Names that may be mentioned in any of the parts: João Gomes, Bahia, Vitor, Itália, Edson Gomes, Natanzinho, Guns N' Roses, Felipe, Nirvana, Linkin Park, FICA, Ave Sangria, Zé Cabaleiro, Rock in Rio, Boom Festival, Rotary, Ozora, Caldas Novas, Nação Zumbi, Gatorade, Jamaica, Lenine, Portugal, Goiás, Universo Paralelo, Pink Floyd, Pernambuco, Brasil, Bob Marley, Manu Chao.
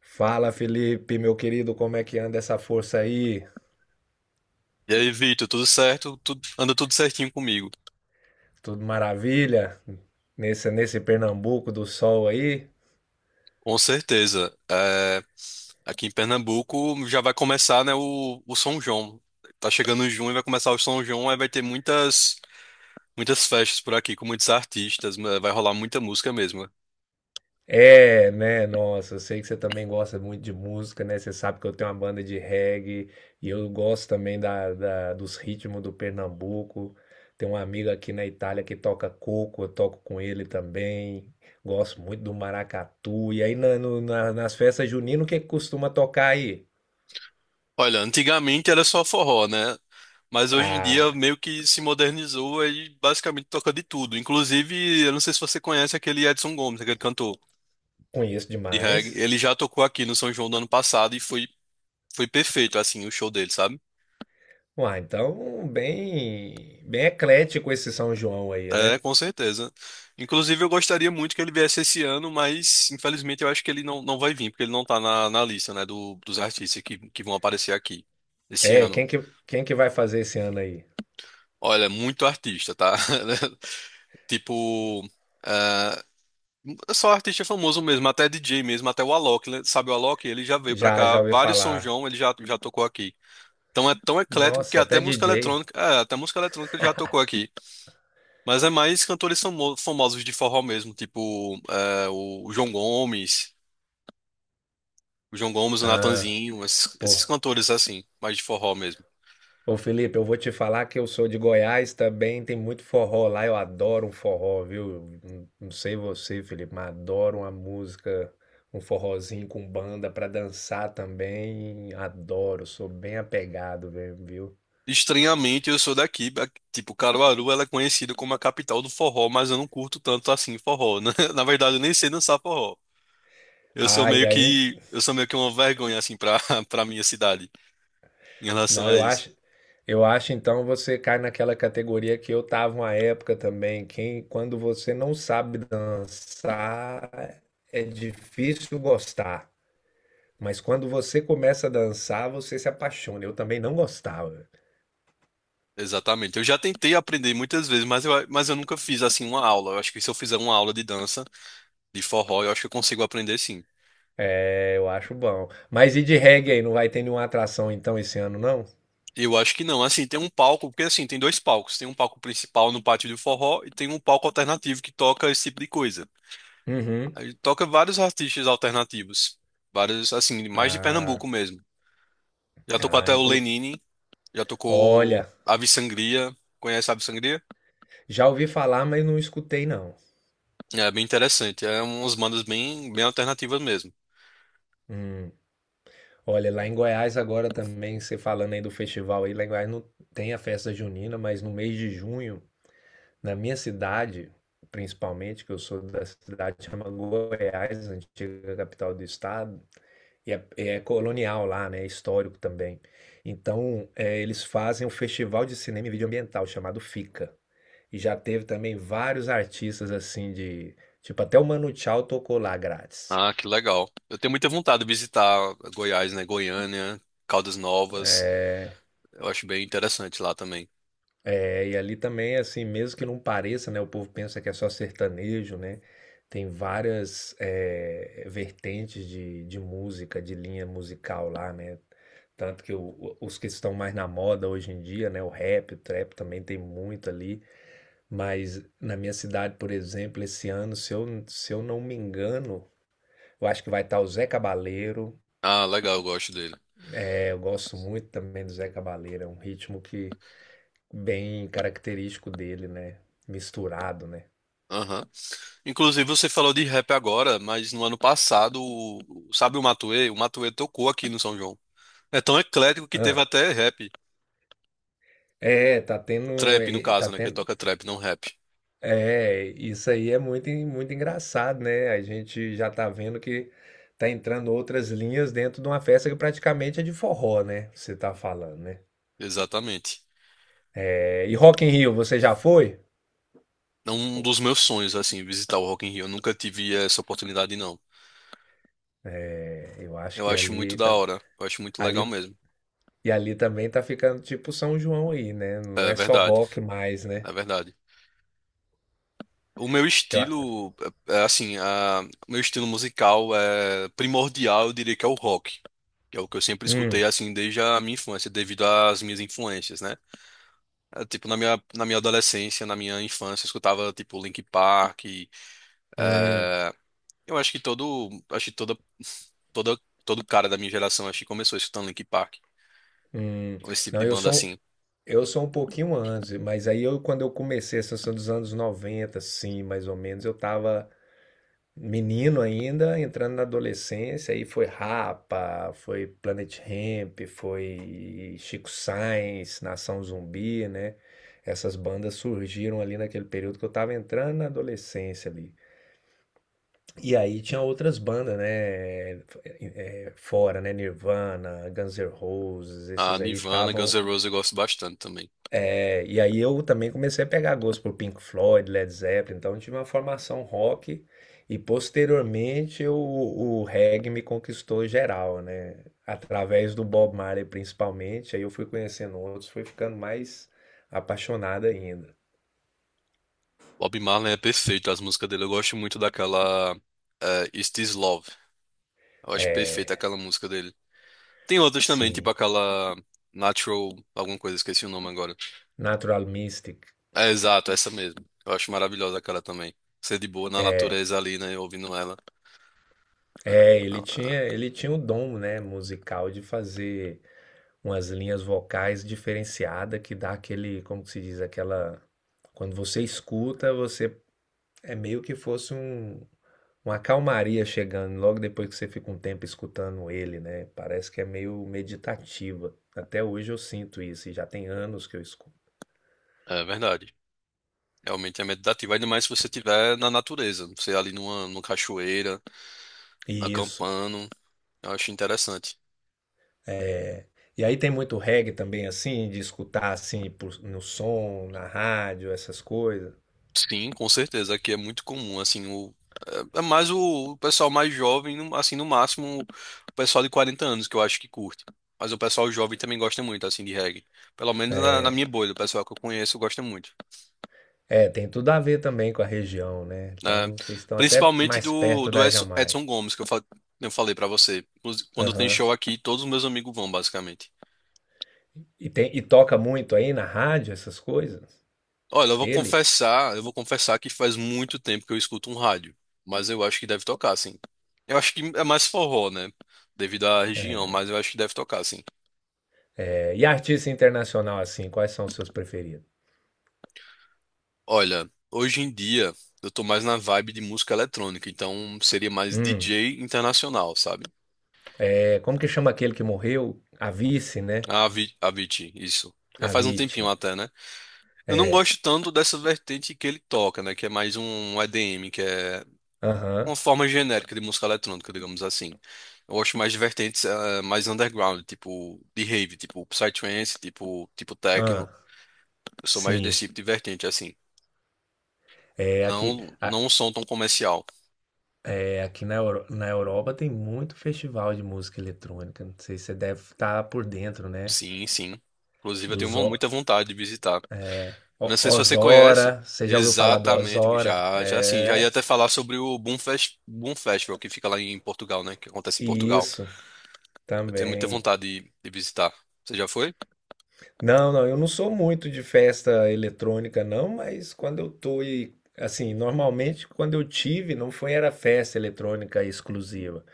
Fala, Felipe, meu querido, como é que anda essa força aí? E aí, Vitor, tudo certo? Anda tudo certinho comigo, Tudo maravilha? Nesse Pernambuco do sol aí? com certeza. É, aqui em Pernambuco já vai começar, né, o São João. Tá chegando em junho e vai começar o São João, aí vai ter muitas festas por aqui com muitos artistas, né, vai rolar muita música mesmo. É, né? Nossa, eu sei que você também gosta muito de música, né? Você sabe que eu tenho uma banda de reggae e eu gosto também dos ritmos do Pernambuco. Tem uma amiga aqui na Itália que toca coco, eu toco com ele também. Gosto muito do maracatu. E aí nas festas juninas, o que que costuma tocar aí? Olha, antigamente era só forró, né? Mas hoje em dia Ah, meio que se modernizou e basicamente toca de tudo. Inclusive, eu não sei se você conhece aquele Edson Gomes, aquele cantor conheço de reggae. demais. Ele já tocou aqui no São João do ano passado e foi perfeito, assim, o show dele, sabe? Uai, então bem eclético esse São João aí, É, né? com certeza. Inclusive, eu gostaria muito que ele viesse esse ano, mas infelizmente eu acho que ele não vai vir, porque ele não tá na lista, né, dos artistas que vão aparecer aqui esse É, ano. Quem que vai fazer esse ano aí? Olha, muito artista, tá? Tipo, ah, só artista famoso mesmo, até DJ mesmo, até o Alok, né? Sabe o Alok? Ele já veio pra Já, cá, já ouvi vários São falar. João ele já tocou aqui. Então é tão eclético que Nossa, até DJ. Até música eletrônica ele já tocou aqui. Mas é mais cantores famosos de forró mesmo, tipo o João Gomes, o Ah, Natanzinho, esses, pô. esses cantores assim, mais de forró mesmo. Ô Felipe, eu vou te falar que eu sou de Goiás também, tem muito forró lá, eu adoro um forró, viu? Não, não sei você, Felipe, mas adoro uma música, um forrozinho com banda pra dançar também, adoro, sou bem apegado, viu? Estranhamente, eu sou daqui, tipo, Caruaru, ela é conhecida como a capital do forró, mas eu não curto tanto assim forró, né? Na verdade, eu nem sei dançar forró. Eu sou Ah, meio e aí. que, eu sou meio que uma vergonha assim para para minha cidade em relação Não, a isso. Eu acho então você cai naquela categoria que eu tava uma época também. Quem, quando você não sabe dançar, é difícil gostar. Mas quando você começa a dançar, você se apaixona. Eu também não gostava. Exatamente. Eu já tentei aprender muitas vezes, mas eu nunca fiz assim uma aula. Eu acho que se eu fizer uma aula de dança de forró, eu acho que eu consigo aprender sim. É, eu acho bom. Mas e de reggae aí? Não vai ter nenhuma atração então esse ano, não? Eu acho que não. Assim, tem um palco, porque assim, tem dois palcos. Tem um palco principal no pátio do forró e tem um palco alternativo que toca esse tipo de coisa. Uhum. Aí toca vários artistas alternativos. Vários, assim, mais de Ah, Pernambuco mesmo. Já tocou ah, até o inclu... Lenine, já tocou Olha, Ave Sangria. Conhece Ave Sangria? já ouvi falar, mas não escutei, não. É bem interessante. É umas bandas bem, bem alternativas mesmo. Hum. Olha, lá em Goiás agora também, você falando aí do festival aí, lá em Goiás não tem a festa junina, mas no mês de junho, na minha cidade, principalmente, que eu sou da cidade que chama Goiás, antiga capital do estado, e é, é colonial lá, né? É histórico também. Então, é, eles fazem um festival de cinema e vídeo ambiental chamado FICA. E já teve também vários artistas assim de. Tipo, até o Manu Chao tocou lá grátis. Ah, que legal. Eu tenho muita vontade de visitar Goiás, né? Goiânia, Caldas Novas. É, Eu acho bem interessante lá também. é, e ali também, assim, mesmo que não pareça, né? O povo pensa que é só sertanejo, né? Tem várias vertentes de música, de linha musical lá, né? Tanto que os que estão mais na moda hoje em dia, né? O rap, o trap também tem muito ali. Mas na minha cidade, por exemplo, esse ano, se eu não me engano, eu acho que vai estar o Zé Cabaleiro. Ah, legal, eu gosto dele. É, eu gosto muito também do Zé Cabaleiro, é um ritmo que bem característico dele, né? Misturado, né? Aham. Inclusive, você falou de rap agora, mas no ano passado, sabe o Matuê? O Matuê tocou aqui no São João. É tão eclético que teve Hã. até rap. É, Trap, no caso, tá né? Que ele tendo toca trap, não rap. é, isso aí é muito en muito engraçado, né, a gente já tá vendo que tá entrando outras linhas dentro de uma festa que praticamente é de forró, né, você tá falando, né. Exatamente. É. E Rock in Rio, você já foi? É um dos meus sonhos, assim, visitar o Rock in Rio. Eu nunca tive essa oportunidade, não. É, eu acho Eu que acho muito ali da tá hora. Eu acho muito legal ali mesmo. e ali também tá ficando tipo São João aí, né, não É é só verdade. rock mais, É né. verdade. O meu Eu a estilo, é, é assim, a, o meu estilo musical é primordial, eu diria que é o rock. Que É o que eu sempre hum, escutei assim desde a minha infância, devido às minhas influências, né? Tipo, na minha adolescência, na minha infância, eu escutava tipo Linkin Park. E hum, eu acho que toda, todo cara da minha geração acho que começou escutando Linkin Park, hum. ou esse tipo Não, de eu banda sou. assim. Eu sou um pouquinho antes, mas aí eu, quando eu comecei, essa são dos anos 90, sim, mais ou menos, eu tava menino ainda, entrando na adolescência, aí foi Rapa, foi Planet Hemp, foi Chico Science, Nação Zumbi, né? Essas bandas surgiram ali naquele período que eu tava entrando na adolescência ali. E aí tinha outras bandas, né? Fora, né? Nirvana, Guns N' Roses, A esses aí Nirvana, Guns estavam. N' Roses eu gosto bastante também. É, e aí eu também comecei a pegar gosto por Pink Floyd, Led Zeppelin, então eu tive uma formação rock e posteriormente o reggae me conquistou geral, né? Através do Bob Marley principalmente, aí eu fui conhecendo outros, fui ficando mais apaixonado ainda. Bob Marley é perfeito, as músicas dele eu gosto muito daquela Is This Love. Eu acho perfeita É, aquela música dele. Tem outras também, tipo sim, aquela Natural, alguma coisa, esqueci o nome agora. Natural Mystic. É, exato, essa mesmo. Eu acho maravilhosa aquela também. Ser de boa na É, natureza ali, né? Ouvindo ela. é, Não, ele tinha o dom, né, musical de fazer umas linhas vocais diferenciada que dá aquele, como que se diz, aquela quando você escuta, você é meio que fosse um, uma calmaria chegando logo depois que você fica um tempo escutando ele, né? Parece que é meio meditativa. Até hoje eu sinto isso, e já tem anos que eu escuto. é verdade. Realmente é meditativo. Ainda mais se você estiver na natureza. Você ali numa cachoeira, Isso. acampando. Eu acho interessante. E aí tem muito reggae também, assim, de escutar assim no som, na rádio, essas coisas. Sim, com certeza. Aqui é muito comum, assim, o é é mais o pessoal mais jovem, assim, no máximo o pessoal de 40 anos que eu acho que curte. Mas o pessoal jovem também gosta muito, assim, de reggae. Pelo menos na minha bolha, o pessoal que eu conheço gosta muito. É, tem tudo a ver também com a região, né? Né? Então vocês estão até Principalmente mais do, perto do da Edson, Jamaica. Edson Gomes, que eu falei pra você. Quando tem Aham. show aqui, todos os meus amigos vão, basicamente. E, tem, e toca muito aí na rádio essas coisas? Olha, eu vou Ele? confessar, eu vou confessar que faz muito tempo que eu escuto um rádio, mas eu acho que deve tocar, sim. Eu acho que é mais forró, né? Devido à região, mas eu acho que deve tocar, sim. É, e artista internacional, assim, quais são os seus preferidos? Olha, hoje em dia eu tô mais na vibe de música eletrônica, então seria mais Hum, DJ internacional, sabe? é, como que chama aquele que morreu? A, né? A Avicii, isso. Já A. faz um tempinho até, né? Eu não É. gosto tanto dessa vertente que ele toca, né? Que é mais um EDM, que é uma Aham. forma genérica de música eletrônica, digamos assim. Eu acho mais de vertentes mais underground, tipo de rave, tipo psytrance, tipo techno. Ah, Eu sou mais desse sim. tipo de vertente, assim. É aqui, Não a- não um som tão comercial. é aqui na Europa tem muito festival de música eletrônica. Não sei se você deve estar por dentro, né? Sim, sim. Inclusive eu tenho Dos O- muita vontade de visitar. Eu não O- sei se você conhece. Ozora. Você já ouviu falar do Exatamente, Ozora? já já sim, já ia É. até falar sobre o Boom Festival que fica lá em Portugal, né? Que acontece em Portugal. Isso Eu tenho muita também. vontade de visitar. Você já foi? Não, não, eu não sou muito de festa eletrônica, não, mas quando eu tô e assim, normalmente quando eu tive, não foi era festa eletrônica exclusiva,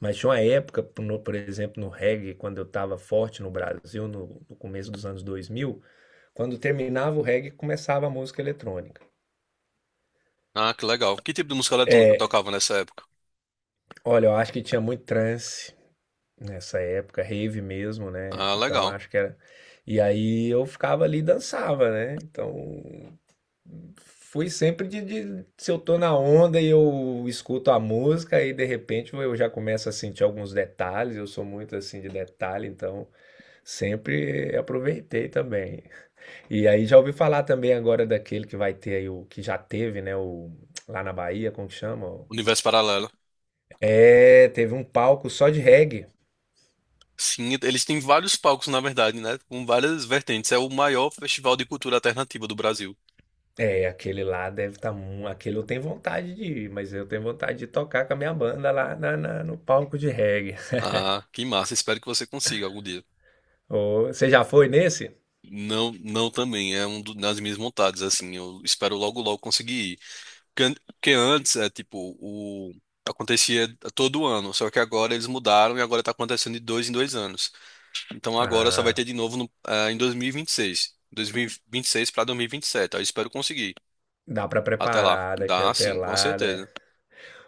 mas tinha uma época, por exemplo, no reggae, quando eu estava forte no Brasil, no começo dos anos 2000, quando terminava o reggae, começava a música eletrônica. Ah, que legal. Que tipo de música eletrônica eu É, tocava nessa época? olha, eu acho que tinha muito trance nessa época, rave mesmo, né? Ah, Então legal. acho que era. E aí eu ficava ali e dançava, né? Então. Fui sempre se eu tô na onda e eu escuto a música e de repente eu já começo a sentir alguns detalhes, eu sou muito assim de detalhe, então sempre aproveitei também. E aí já ouvi falar também agora daquele que vai ter aí o que já teve, né, o lá na Bahia, como que chama? Universo Paralelo. É, teve um palco só de reggae. Sim, eles têm vários palcos, na verdade, né? Com várias vertentes. É o maior festival de cultura alternativa do Brasil. É, aquele lá deve estar. Aquele eu tenho vontade de ir, mas eu tenho vontade de tocar com a minha banda lá no palco de reggae. Ah, que massa. Espero que você consiga algum dia. Ô, você já foi nesse? Não, não também. É um das minhas vontades, assim. Eu espero logo, logo conseguir ir. Porque antes, tipo, acontecia todo ano. Só que agora eles mudaram e agora tá acontecendo de dois em dois anos. Então agora só vai Ah, ter de novo no, ah, em 2026. 2026 para 2027. Aí eu espero conseguir. dá pra Até lá. preparar daqui Dá até sim, com lá, né? certeza.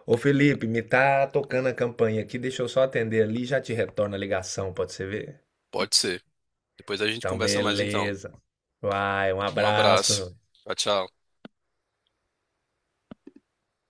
Ô Felipe, me tá tocando a campanha aqui, deixa eu só atender ali e já te retorno a ligação, pode ser ver? Pode ser. Depois a gente Então, conversa mais então. beleza. Vai, um Um abraço. abraço. Tchau, tchau.